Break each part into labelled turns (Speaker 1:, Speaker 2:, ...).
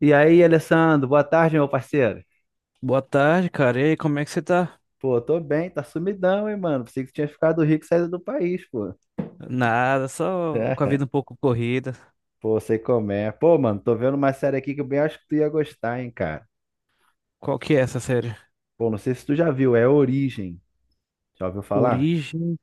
Speaker 1: E aí, Alessandro, boa tarde, meu parceiro.
Speaker 2: Boa tarde, cara. E aí, como é que você tá?
Speaker 1: Pô, tô bem, tá sumidão, hein, mano. Pensei que tinha ficado rico e saído do país, pô.
Speaker 2: Nada, só com a
Speaker 1: É,
Speaker 2: vida um pouco corrida.
Speaker 1: pô, sei como é. Pô, mano, tô vendo uma série aqui que eu bem acho que tu ia gostar, hein, cara.
Speaker 2: Qual que é essa série?
Speaker 1: Pô, não sei se tu já viu, é Origem. Já ouviu falar?
Speaker 2: Origem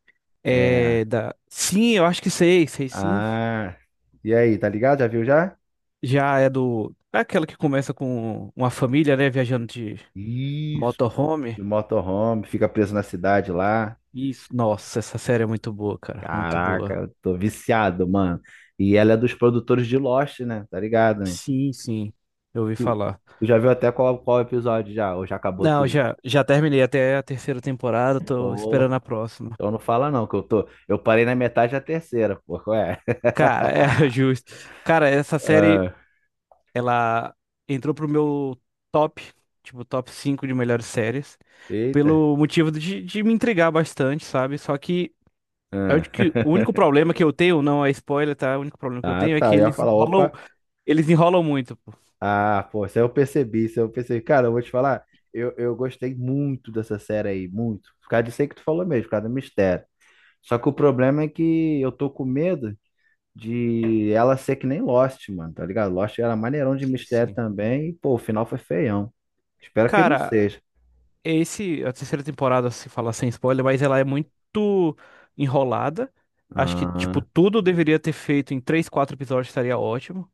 Speaker 1: É.
Speaker 2: é da. Sim, eu acho que sei, sei sim.
Speaker 1: Ah. E aí, tá ligado? Já viu já?
Speaker 2: Já é do. É aquela que começa com uma família, né, viajando de
Speaker 1: Isso.
Speaker 2: motorhome.
Speaker 1: De motorhome, fica preso na cidade lá.
Speaker 2: Isso. Nossa, essa série é muito boa, cara. Muito
Speaker 1: Caraca,
Speaker 2: boa.
Speaker 1: eu tô viciado, mano. E ela é dos produtores de Lost, né? Tá ligado, né?
Speaker 2: Sim. Eu ouvi
Speaker 1: Tu,
Speaker 2: falar.
Speaker 1: tu já viu até qual episódio já? Ou já acabou
Speaker 2: Não,
Speaker 1: tudo?
Speaker 2: já terminei até a terceira temporada, tô
Speaker 1: Ou,
Speaker 2: esperando a próxima.
Speaker 1: então não fala não, que eu tô. Eu parei na metade da terceira, pô. Qual é?
Speaker 2: Cara, é justo. Cara, essa série.
Speaker 1: Ah,
Speaker 2: Ela entrou pro meu top, tipo, top 5 de melhores séries,
Speaker 1: eita.
Speaker 2: pelo motivo de me entregar bastante, sabe? Só que eu
Speaker 1: Ah.
Speaker 2: acho que o único problema que eu tenho, não é spoiler, tá? O único problema que eu
Speaker 1: Ah,
Speaker 2: tenho é
Speaker 1: tá.
Speaker 2: que
Speaker 1: Eu ia falar, opa.
Speaker 2: eles enrolam muito, pô.
Speaker 1: Ah, pô, isso aí eu percebi, isso aí eu percebi. Cara, eu vou te falar, eu gostei muito dessa série aí, muito. Por causa disso aí que tu falou mesmo, por causa do mistério. Só que o problema é que eu tô com medo de ela ser que nem Lost, mano, tá ligado? Lost era maneirão de
Speaker 2: Sim,
Speaker 1: mistério
Speaker 2: sim.
Speaker 1: também, e, pô, o final foi feião. Espero que ele não
Speaker 2: Cara,
Speaker 1: seja.
Speaker 2: esse, a terceira temporada, se falar sem spoiler, mas ela é muito enrolada. Acho que, tipo,
Speaker 1: Ah,
Speaker 2: tudo deveria ter feito em três, quatro episódios, estaria ótimo.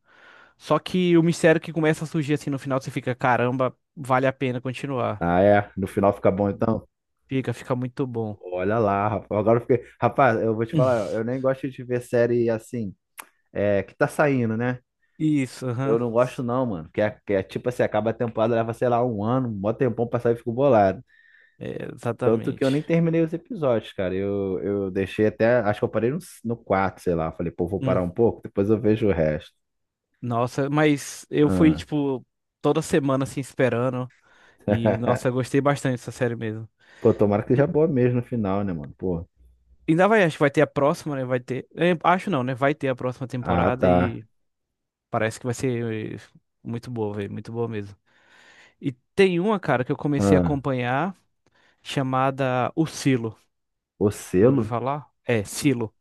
Speaker 2: Só que o mistério que começa a surgir assim no final, você fica, caramba, vale a pena continuar.
Speaker 1: ah, é. No final fica bom, então?
Speaker 2: Fica, fica muito bom.
Speaker 1: Olha lá, rapaz. Agora eu fiquei. Rapaz, eu vou te
Speaker 2: Hum.
Speaker 1: falar, eu nem gosto de ver série assim, é, que tá saindo, né?
Speaker 2: Isso,
Speaker 1: Eu
Speaker 2: aham.
Speaker 1: não gosto, não, mano. Que é tipo assim, acaba a temporada, leva, sei lá, um ano, um mó tempão pra sair e fico bolado.
Speaker 2: É,
Speaker 1: Tanto que eu
Speaker 2: exatamente.
Speaker 1: nem terminei os episódios, cara. Eu deixei até. Acho que eu parei no, no 4, sei lá. Falei, pô, vou parar
Speaker 2: Hum.
Speaker 1: um pouco, depois eu vejo o resto.
Speaker 2: Nossa, mas eu fui,
Speaker 1: Ah.
Speaker 2: tipo, toda semana assim esperando. E, nossa, eu gostei bastante dessa série mesmo.
Speaker 1: Pô, tomara que seja boa mesmo no final, né, mano? Pô.
Speaker 2: Ainda vai, acho que vai ter a próxima, né? Vai ter. É, acho não, né? Vai ter a próxima
Speaker 1: Ah,
Speaker 2: temporada
Speaker 1: tá.
Speaker 2: e parece que vai ser muito boa, velho. Muito boa mesmo. E tem uma, cara, que eu comecei a
Speaker 1: Ah.
Speaker 2: acompanhar chamada O Silo.
Speaker 1: O
Speaker 2: Já ouviu
Speaker 1: selo?
Speaker 2: falar? É, Silo.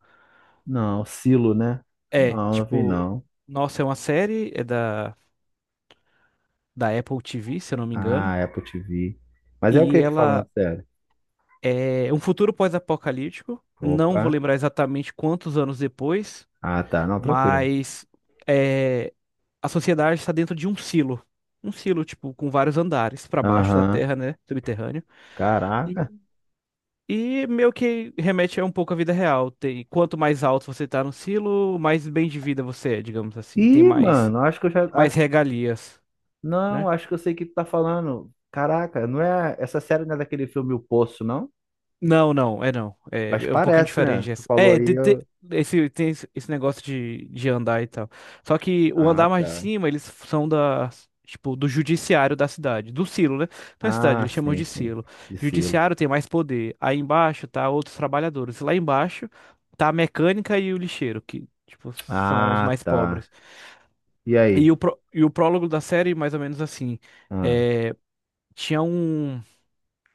Speaker 1: Não, silo, né?
Speaker 2: É,
Speaker 1: Não, não vi
Speaker 2: tipo,
Speaker 1: não.
Speaker 2: nossa, é uma série, é da, da Apple TV, se eu não me engano.
Speaker 1: Ah, é Apple TV. Mas é o
Speaker 2: E
Speaker 1: que que fala na
Speaker 2: ela
Speaker 1: série?
Speaker 2: é um futuro pós-apocalíptico. Não
Speaker 1: Opa.
Speaker 2: vou lembrar exatamente quantos anos depois,
Speaker 1: Ah, tá. Não, tranquilo.
Speaker 2: mas. eh, a sociedade está dentro de um silo. Um silo, tipo, com vários andares para baixo da
Speaker 1: Aham.
Speaker 2: terra, né? Subterrâneo. E,
Speaker 1: Caraca.
Speaker 2: e meio que remete a um pouco à vida real. Tem, quanto mais alto você tá no silo, mais bem de vida você é, digamos assim. Tem
Speaker 1: Ih,
Speaker 2: mais,
Speaker 1: mano, acho que eu já.
Speaker 2: mais
Speaker 1: Ah,
Speaker 2: regalias,
Speaker 1: não,
Speaker 2: né?
Speaker 1: acho que eu sei o que tu tá falando. Caraca, não é. Essa série não é daquele filme O Poço, não?
Speaker 2: Não, não, é não. É,
Speaker 1: Mas
Speaker 2: é um pouquinho
Speaker 1: parece, né?
Speaker 2: diferente
Speaker 1: Tu
Speaker 2: essa.
Speaker 1: falou
Speaker 2: É,
Speaker 1: aí. Eu-
Speaker 2: esse, tem esse negócio de andar e tal. Só que o
Speaker 1: Ah,
Speaker 2: andar mais de
Speaker 1: tá.
Speaker 2: cima, eles são da, tipo, do judiciário da cidade, do silo, né? Não é cidade,
Speaker 1: Ah,
Speaker 2: eles chamam
Speaker 1: sim,
Speaker 2: de
Speaker 1: sim.
Speaker 2: silo.
Speaker 1: De selo.
Speaker 2: Judiciário tem mais poder. Aí embaixo tá outros trabalhadores. Lá embaixo tá a mecânica e o lixeiro, que, tipo, são os
Speaker 1: Ah,
Speaker 2: mais
Speaker 1: tá.
Speaker 2: pobres.
Speaker 1: E
Speaker 2: E
Speaker 1: aí?
Speaker 2: o, pró- e o prólogo da série, mais ou menos assim,
Speaker 1: Ah,
Speaker 2: é, tinha um,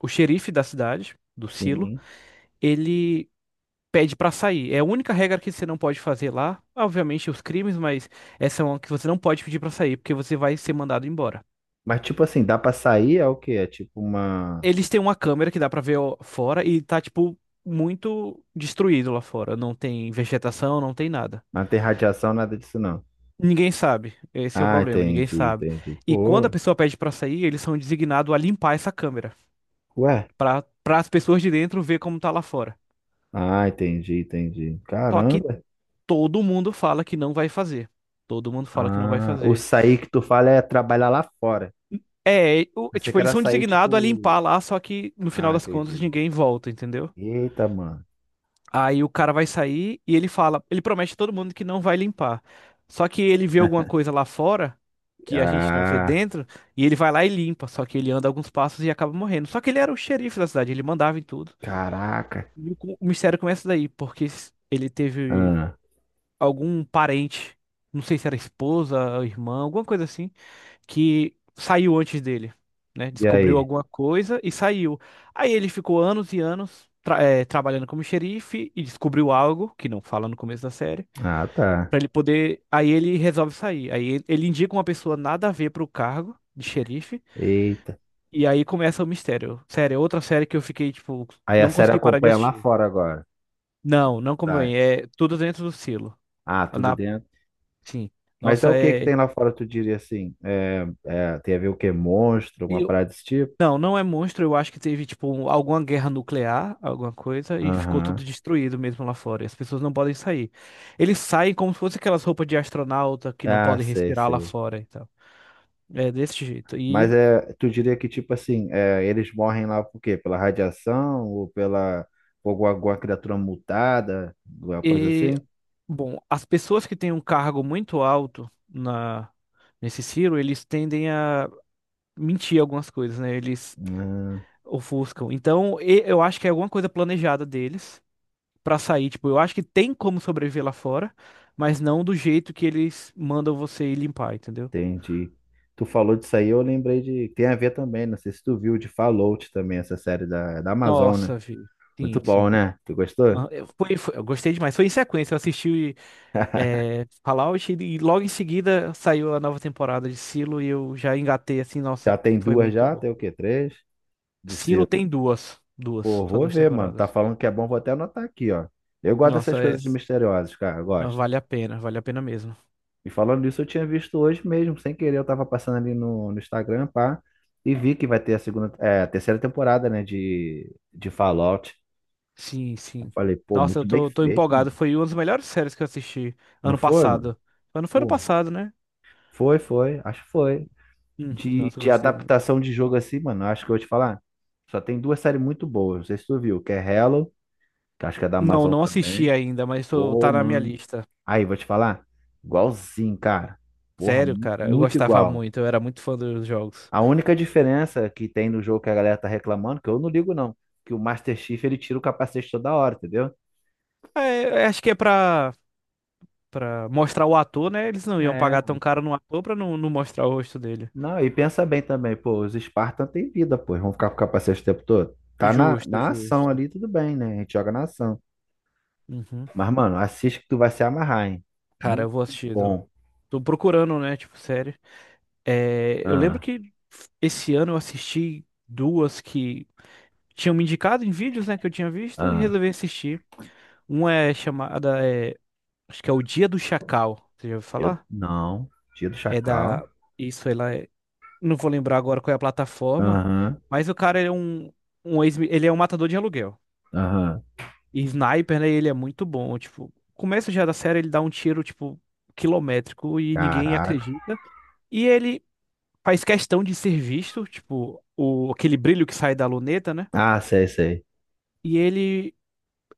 Speaker 2: o xerife da cidade, do silo,
Speaker 1: sim.
Speaker 2: ele pede pra sair. É a única regra que você não pode fazer lá. Obviamente os crimes, mas essa é uma que você não pode pedir pra sair, porque você vai ser mandado embora.
Speaker 1: Mas tipo assim, dá pra sair? É o quê? É tipo uma.
Speaker 2: Eles têm uma câmera que dá pra ver ó, fora e tá tipo muito destruído lá fora. Não tem vegetação, não tem nada.
Speaker 1: Não tem radiação, nada disso não.
Speaker 2: Ninguém sabe. Esse é o
Speaker 1: Ah,
Speaker 2: problema, ninguém
Speaker 1: entendi,
Speaker 2: sabe.
Speaker 1: entendi.
Speaker 2: E quando a
Speaker 1: Pô,
Speaker 2: pessoa pede pra sair, eles são designados a limpar essa câmera
Speaker 1: ué.
Speaker 2: pra para as pessoas de dentro ver como tá lá fora.
Speaker 1: Ah, entendi, entendi.
Speaker 2: Só que
Speaker 1: Caramba.
Speaker 2: todo mundo fala que não vai fazer. Todo mundo fala que não vai
Speaker 1: Ah, o
Speaker 2: fazer.
Speaker 1: sair que tu fala é trabalhar lá fora.
Speaker 2: É, o-
Speaker 1: Pensei
Speaker 2: tipo,
Speaker 1: que
Speaker 2: eles
Speaker 1: era
Speaker 2: são
Speaker 1: sair
Speaker 2: designados a
Speaker 1: tipo.
Speaker 2: limpar lá, só que no final
Speaker 1: Ah,
Speaker 2: das contas
Speaker 1: entendi.
Speaker 2: ninguém volta, entendeu?
Speaker 1: Eita, mano.
Speaker 2: Aí o cara vai sair e ele fala, ele promete a todo mundo que não vai limpar. Só que ele vê alguma coisa lá fora que a gente não vê
Speaker 1: Ah,
Speaker 2: dentro e ele vai lá e limpa, só que ele anda alguns passos e acaba morrendo. Só que ele era o xerife da cidade, ele mandava em tudo.
Speaker 1: caraca.
Speaker 2: E o co- o mistério começa daí, porque s- ele teve
Speaker 1: Ah,
Speaker 2: algum parente, não sei se era esposa, irmã, alguma coisa assim que saiu antes dele, né?
Speaker 1: e
Speaker 2: Descobriu
Speaker 1: aí?
Speaker 2: alguma coisa e saiu. Aí ele ficou anos e anos trabalhando como xerife e descobriu algo que não fala no começo da série,
Speaker 1: Ah, tá.
Speaker 2: pra ele poder. Aí ele resolve sair. Aí ele indica uma pessoa nada a ver pro cargo de xerife
Speaker 1: Eita.
Speaker 2: e aí começa o mistério. Sério, é outra série que eu fiquei tipo,
Speaker 1: Aí a
Speaker 2: não
Speaker 1: série
Speaker 2: consegui parar de
Speaker 1: acompanha lá
Speaker 2: assistir.
Speaker 1: fora agora.
Speaker 2: Não, não como
Speaker 1: Tá.
Speaker 2: é, é tudo dentro do silo.
Speaker 1: Ah, tudo
Speaker 2: Na,
Speaker 1: dentro.
Speaker 2: sim.
Speaker 1: Mas é o
Speaker 2: Nossa,
Speaker 1: que que
Speaker 2: é.
Speaker 1: tem lá fora, tu diria assim? É, é, tem a ver o quê? Monstro, alguma parada desse tipo?
Speaker 2: Não, não é monstro. Eu acho que teve, tipo, um, alguma guerra nuclear, alguma coisa, e ficou tudo
Speaker 1: Aham.
Speaker 2: destruído mesmo lá fora. E as pessoas não podem sair. Eles saem como se fosse aquelas roupas de astronauta que não
Speaker 1: Ah,
Speaker 2: podem
Speaker 1: sei,
Speaker 2: respirar lá
Speaker 1: sei.
Speaker 2: fora e tal. É desse jeito.
Speaker 1: Mas é, tu diria que, tipo assim, é, eles morrem lá por quê? Pela radiação ou pela por alguma, alguma criatura mutada, alguma coisa
Speaker 2: E
Speaker 1: assim?
Speaker 2: bom, as pessoas que têm um cargo muito alto na, nesse Ciro, eles tendem a mentir algumas coisas, né? Eles
Speaker 1: Ah,
Speaker 2: ofuscam. Então, e- eu acho que é alguma coisa planejada deles. Pra sair. Tipo, eu acho que tem como sobreviver lá fora, mas não do jeito que eles mandam você ir limpar, entendeu?
Speaker 1: entendi. Tu falou disso aí, eu lembrei de. Tem a ver também, não sei se tu viu de Fallout também, essa série da Amazon, né?
Speaker 2: Nossa, vi. Sim,
Speaker 1: Muito bom,
Speaker 2: sim.
Speaker 1: né? Tu gostou?
Speaker 2: Ah, foi, eu gostei demais. Foi em sequência. Eu assisti Fallout e logo em seguida saiu a nova temporada de Silo e eu já engatei assim. Nossa,
Speaker 1: Já tem
Speaker 2: foi
Speaker 1: duas
Speaker 2: muito
Speaker 1: já?
Speaker 2: bom.
Speaker 1: Tem o quê? Três? De
Speaker 2: Silo tem duas. Duas.
Speaker 1: Pô,
Speaker 2: Só
Speaker 1: vou
Speaker 2: duas
Speaker 1: ver, mano. Tá
Speaker 2: temporadas.
Speaker 1: falando que é bom, vou até anotar aqui, ó. Eu gosto dessas
Speaker 2: Nossa, é,
Speaker 1: coisas de misteriosas, cara, eu gosto.
Speaker 2: vale a pena. Vale a pena mesmo.
Speaker 1: E falando isso eu tinha visto hoje mesmo, sem querer, eu tava passando ali no Instagram, pá, e vi que vai ter a segunda, é, a terceira temporada, né, de Fallout.
Speaker 2: Sim,
Speaker 1: Eu
Speaker 2: sim.
Speaker 1: falei, pô,
Speaker 2: Nossa, eu
Speaker 1: muito bem
Speaker 2: tô, tô
Speaker 1: feito,
Speaker 2: empolgado.
Speaker 1: mano.
Speaker 2: Foi uma das melhores séries que eu assisti
Speaker 1: Não
Speaker 2: ano
Speaker 1: foi, mano?
Speaker 2: passado. Mas não foi ano
Speaker 1: Pô,
Speaker 2: passado, né?
Speaker 1: foi, acho que foi. De,
Speaker 2: Nossa, eu
Speaker 1: de
Speaker 2: gostei muito.
Speaker 1: adaptação de jogo assim, mano, acho que eu vou te falar. Só tem duas séries muito boas, não sei se tu viu, que é Hello, que acho que é da
Speaker 2: Não,
Speaker 1: Amazon
Speaker 2: não assisti
Speaker 1: também.
Speaker 2: ainda, mas tô,
Speaker 1: Ô,
Speaker 2: tá na minha
Speaker 1: mano.
Speaker 2: lista.
Speaker 1: Aí, vou te falar. Igualzinho, cara. Porra,
Speaker 2: Sério, cara, eu
Speaker 1: muito
Speaker 2: gostava
Speaker 1: igual.
Speaker 2: muito, eu era muito fã dos jogos.
Speaker 1: A única diferença que tem no jogo que a galera tá reclamando, que eu não ligo não, que o Master Chief ele tira o capacete toda hora, entendeu?
Speaker 2: É, eu acho que é pra, pra mostrar o ator, né? Eles não iam
Speaker 1: É,
Speaker 2: pagar tão caro no ator pra não, não mostrar o rosto dele.
Speaker 1: não, e pensa bem também, pô, os Spartans têm vida, pô, vão ficar com o capacete o tempo todo. Tá na,
Speaker 2: Justo,
Speaker 1: na ação
Speaker 2: justo.
Speaker 1: ali, tudo bem, né? A gente joga na ação.
Speaker 2: Uhum.
Speaker 1: Mas, mano, assiste que tu vai se amarrar, hein?
Speaker 2: Cara, eu
Speaker 1: Muito
Speaker 2: vou assistir. Tô,
Speaker 1: bom.
Speaker 2: tô procurando, né? Tipo, série. É, eu lembro
Speaker 1: Ah,
Speaker 2: que esse ano eu assisti duas que. Tinham me indicado em vídeos, né, que eu tinha visto e
Speaker 1: ah.
Speaker 2: resolvi assistir. Uma é chamada, é, acho que é O Dia do Chacal. Você já ouviu
Speaker 1: Dia,
Speaker 2: falar?
Speaker 1: não, dia do
Speaker 2: É da.
Speaker 1: Chacal.
Speaker 2: Isso, ela é. Não vou lembrar agora qual é a plataforma,
Speaker 1: Aham,
Speaker 2: mas o cara ele é um, um ex, ele é um matador de aluguel.
Speaker 1: aham.
Speaker 2: E sniper, né, ele é muito bom. Tipo, começo já da série, ele dá um tiro, tipo, quilométrico e ninguém
Speaker 1: Caraca.
Speaker 2: acredita. E ele faz questão de ser visto, tipo, o, aquele brilho que sai da luneta, né?
Speaker 1: Ah, sei, sei.
Speaker 2: E ele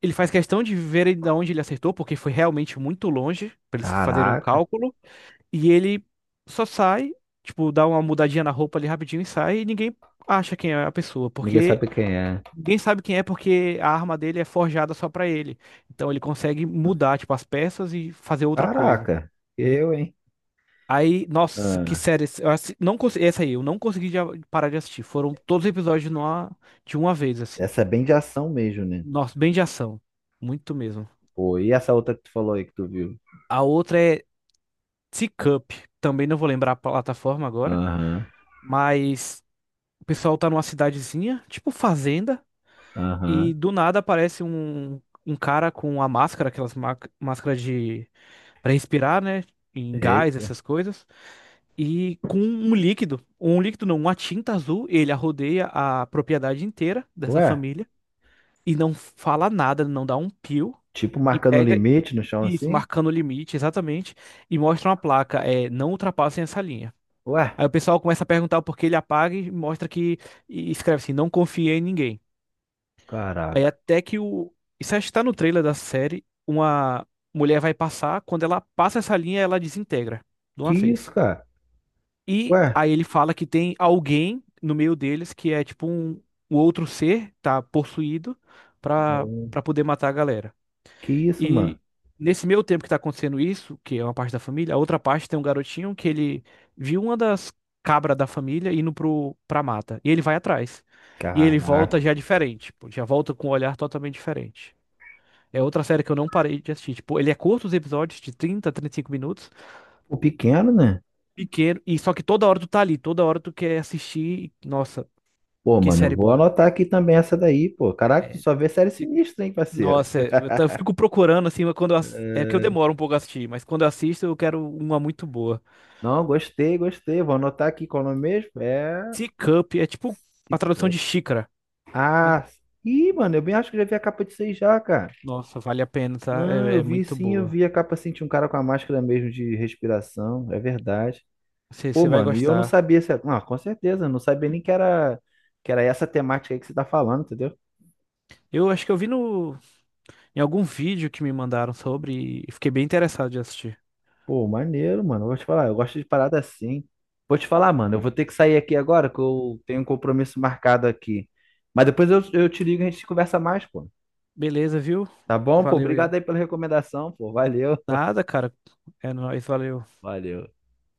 Speaker 2: Ele faz questão de ver de onde ele acertou, porque foi realmente muito longe para eles fazerem o
Speaker 1: Caraca.
Speaker 2: cálculo. E ele só sai, tipo, dá uma mudadinha na roupa ali rapidinho e sai, e ninguém acha quem é a pessoa,
Speaker 1: Ninguém
Speaker 2: porque
Speaker 1: sabe quem é.
Speaker 2: ninguém sabe quem é, porque a arma dele é forjada só pra ele. Então ele consegue mudar, tipo, as peças e fazer outra coisa.
Speaker 1: Caraca. Eu, hein?
Speaker 2: Aí, nossa, que
Speaker 1: Ah,
Speaker 2: série. Não consegui, essa aí, eu não consegui parar de assistir. Foram todos os episódios numa, de uma vez, assim.
Speaker 1: essa é bem de ação mesmo, né?
Speaker 2: Nossa, bem de ação. Muito mesmo.
Speaker 1: Pô, e essa outra que tu falou aí que tu viu?
Speaker 2: A outra é Teacup, também não vou lembrar a plataforma agora,
Speaker 1: Aham,
Speaker 2: mas o pessoal tá numa cidadezinha, tipo fazenda,
Speaker 1: aham.
Speaker 2: e do nada aparece um, um cara com a máscara, aquelas máscaras de para respirar, né? Em gás,
Speaker 1: Eita.
Speaker 2: essas coisas, e com um líquido não, uma tinta azul, ele arrodeia a propriedade inteira dessa
Speaker 1: Ué,
Speaker 2: família e não fala nada, não dá um pio,
Speaker 1: tipo
Speaker 2: e
Speaker 1: marcando
Speaker 2: pega
Speaker 1: limite no chão
Speaker 2: isso,
Speaker 1: assim?
Speaker 2: marcando o limite, exatamente, e mostra uma placa, é, não ultrapassem essa linha.
Speaker 1: Ué,
Speaker 2: Aí o pessoal começa a perguntar o porquê ele apaga e mostra que. E escreve assim: não confiei em ninguém. Aí
Speaker 1: caraca.
Speaker 2: até que o. Isso acho que tá no trailer da série. Uma mulher vai passar, quando ela passa essa linha, ela desintegra de
Speaker 1: Que
Speaker 2: uma
Speaker 1: isso,
Speaker 2: vez.
Speaker 1: cara?
Speaker 2: E
Speaker 1: Ué,
Speaker 2: aí ele fala que tem alguém no meio deles que é tipo um, um outro ser, tá possuído, pra,
Speaker 1: não.
Speaker 2: pra poder matar a galera.
Speaker 1: Que isso, mano?
Speaker 2: E nesse meio tempo que tá acontecendo isso, que é uma parte da família, a outra parte tem um garotinho que ele viu uma das cabras da família indo pro, pra mata. E ele vai atrás. E ele
Speaker 1: Caraca.
Speaker 2: volta já diferente, pô, já volta com um olhar totalmente diferente. É outra série que eu não parei de assistir. Tipo, ele é curto os episódios, de 30, 35 minutos,
Speaker 1: Pô, pequeno, né?
Speaker 2: pequeno, e só que toda hora tu tá ali, toda hora tu quer assistir. E, nossa,
Speaker 1: Pô,
Speaker 2: que
Speaker 1: mano, eu
Speaker 2: série
Speaker 1: vou
Speaker 2: boa.
Speaker 1: anotar aqui também essa daí, pô. Caraca, tu
Speaker 2: É,
Speaker 1: só vê série
Speaker 2: se-
Speaker 1: sinistra, hein, parceiro?
Speaker 2: nossa, é, eu, tô- eu fico procurando assim, mas quando eu, ass- é que eu
Speaker 1: É.
Speaker 2: demoro um pouco a assistir, mas quando eu assisto eu quero uma muito boa.
Speaker 1: Não, gostei, gostei. Vou anotar aqui qual é o nome mesmo. É.
Speaker 2: Tea é tipo a tradução
Speaker 1: Cica-
Speaker 2: de xícara, né?
Speaker 1: Ah, ih, mano, eu bem acho que já vi a capa de seis já, cara.
Speaker 2: Nossa, vale a pena, tá?
Speaker 1: Não,
Speaker 2: É,
Speaker 1: eu
Speaker 2: é
Speaker 1: vi
Speaker 2: muito
Speaker 1: sim, eu
Speaker 2: boa.
Speaker 1: vi a capa assim, tinha um cara com a máscara mesmo de respiração, é verdade.
Speaker 2: Você
Speaker 1: Pô,
Speaker 2: você vai
Speaker 1: mano, e eu não
Speaker 2: gostar.
Speaker 1: sabia se. Não, com certeza, eu não sabia nem que era, que era essa temática aí que você tá falando, entendeu?
Speaker 2: Eu acho que eu vi no, em algum vídeo que me mandaram sobre e fiquei bem interessado de assistir.
Speaker 1: Pô, maneiro, mano. Eu vou te falar, eu gosto de parada assim. Vou te falar, mano, eu vou ter que sair aqui agora, que eu tenho um compromisso marcado aqui. Mas depois eu te ligo e a gente conversa mais, pô.
Speaker 2: Beleza, viu?
Speaker 1: Tá bom, pô?
Speaker 2: Valeu aí.
Speaker 1: Obrigado aí pela recomendação, pô. Valeu.
Speaker 2: Nada, cara. É nóis, valeu.
Speaker 1: Valeu.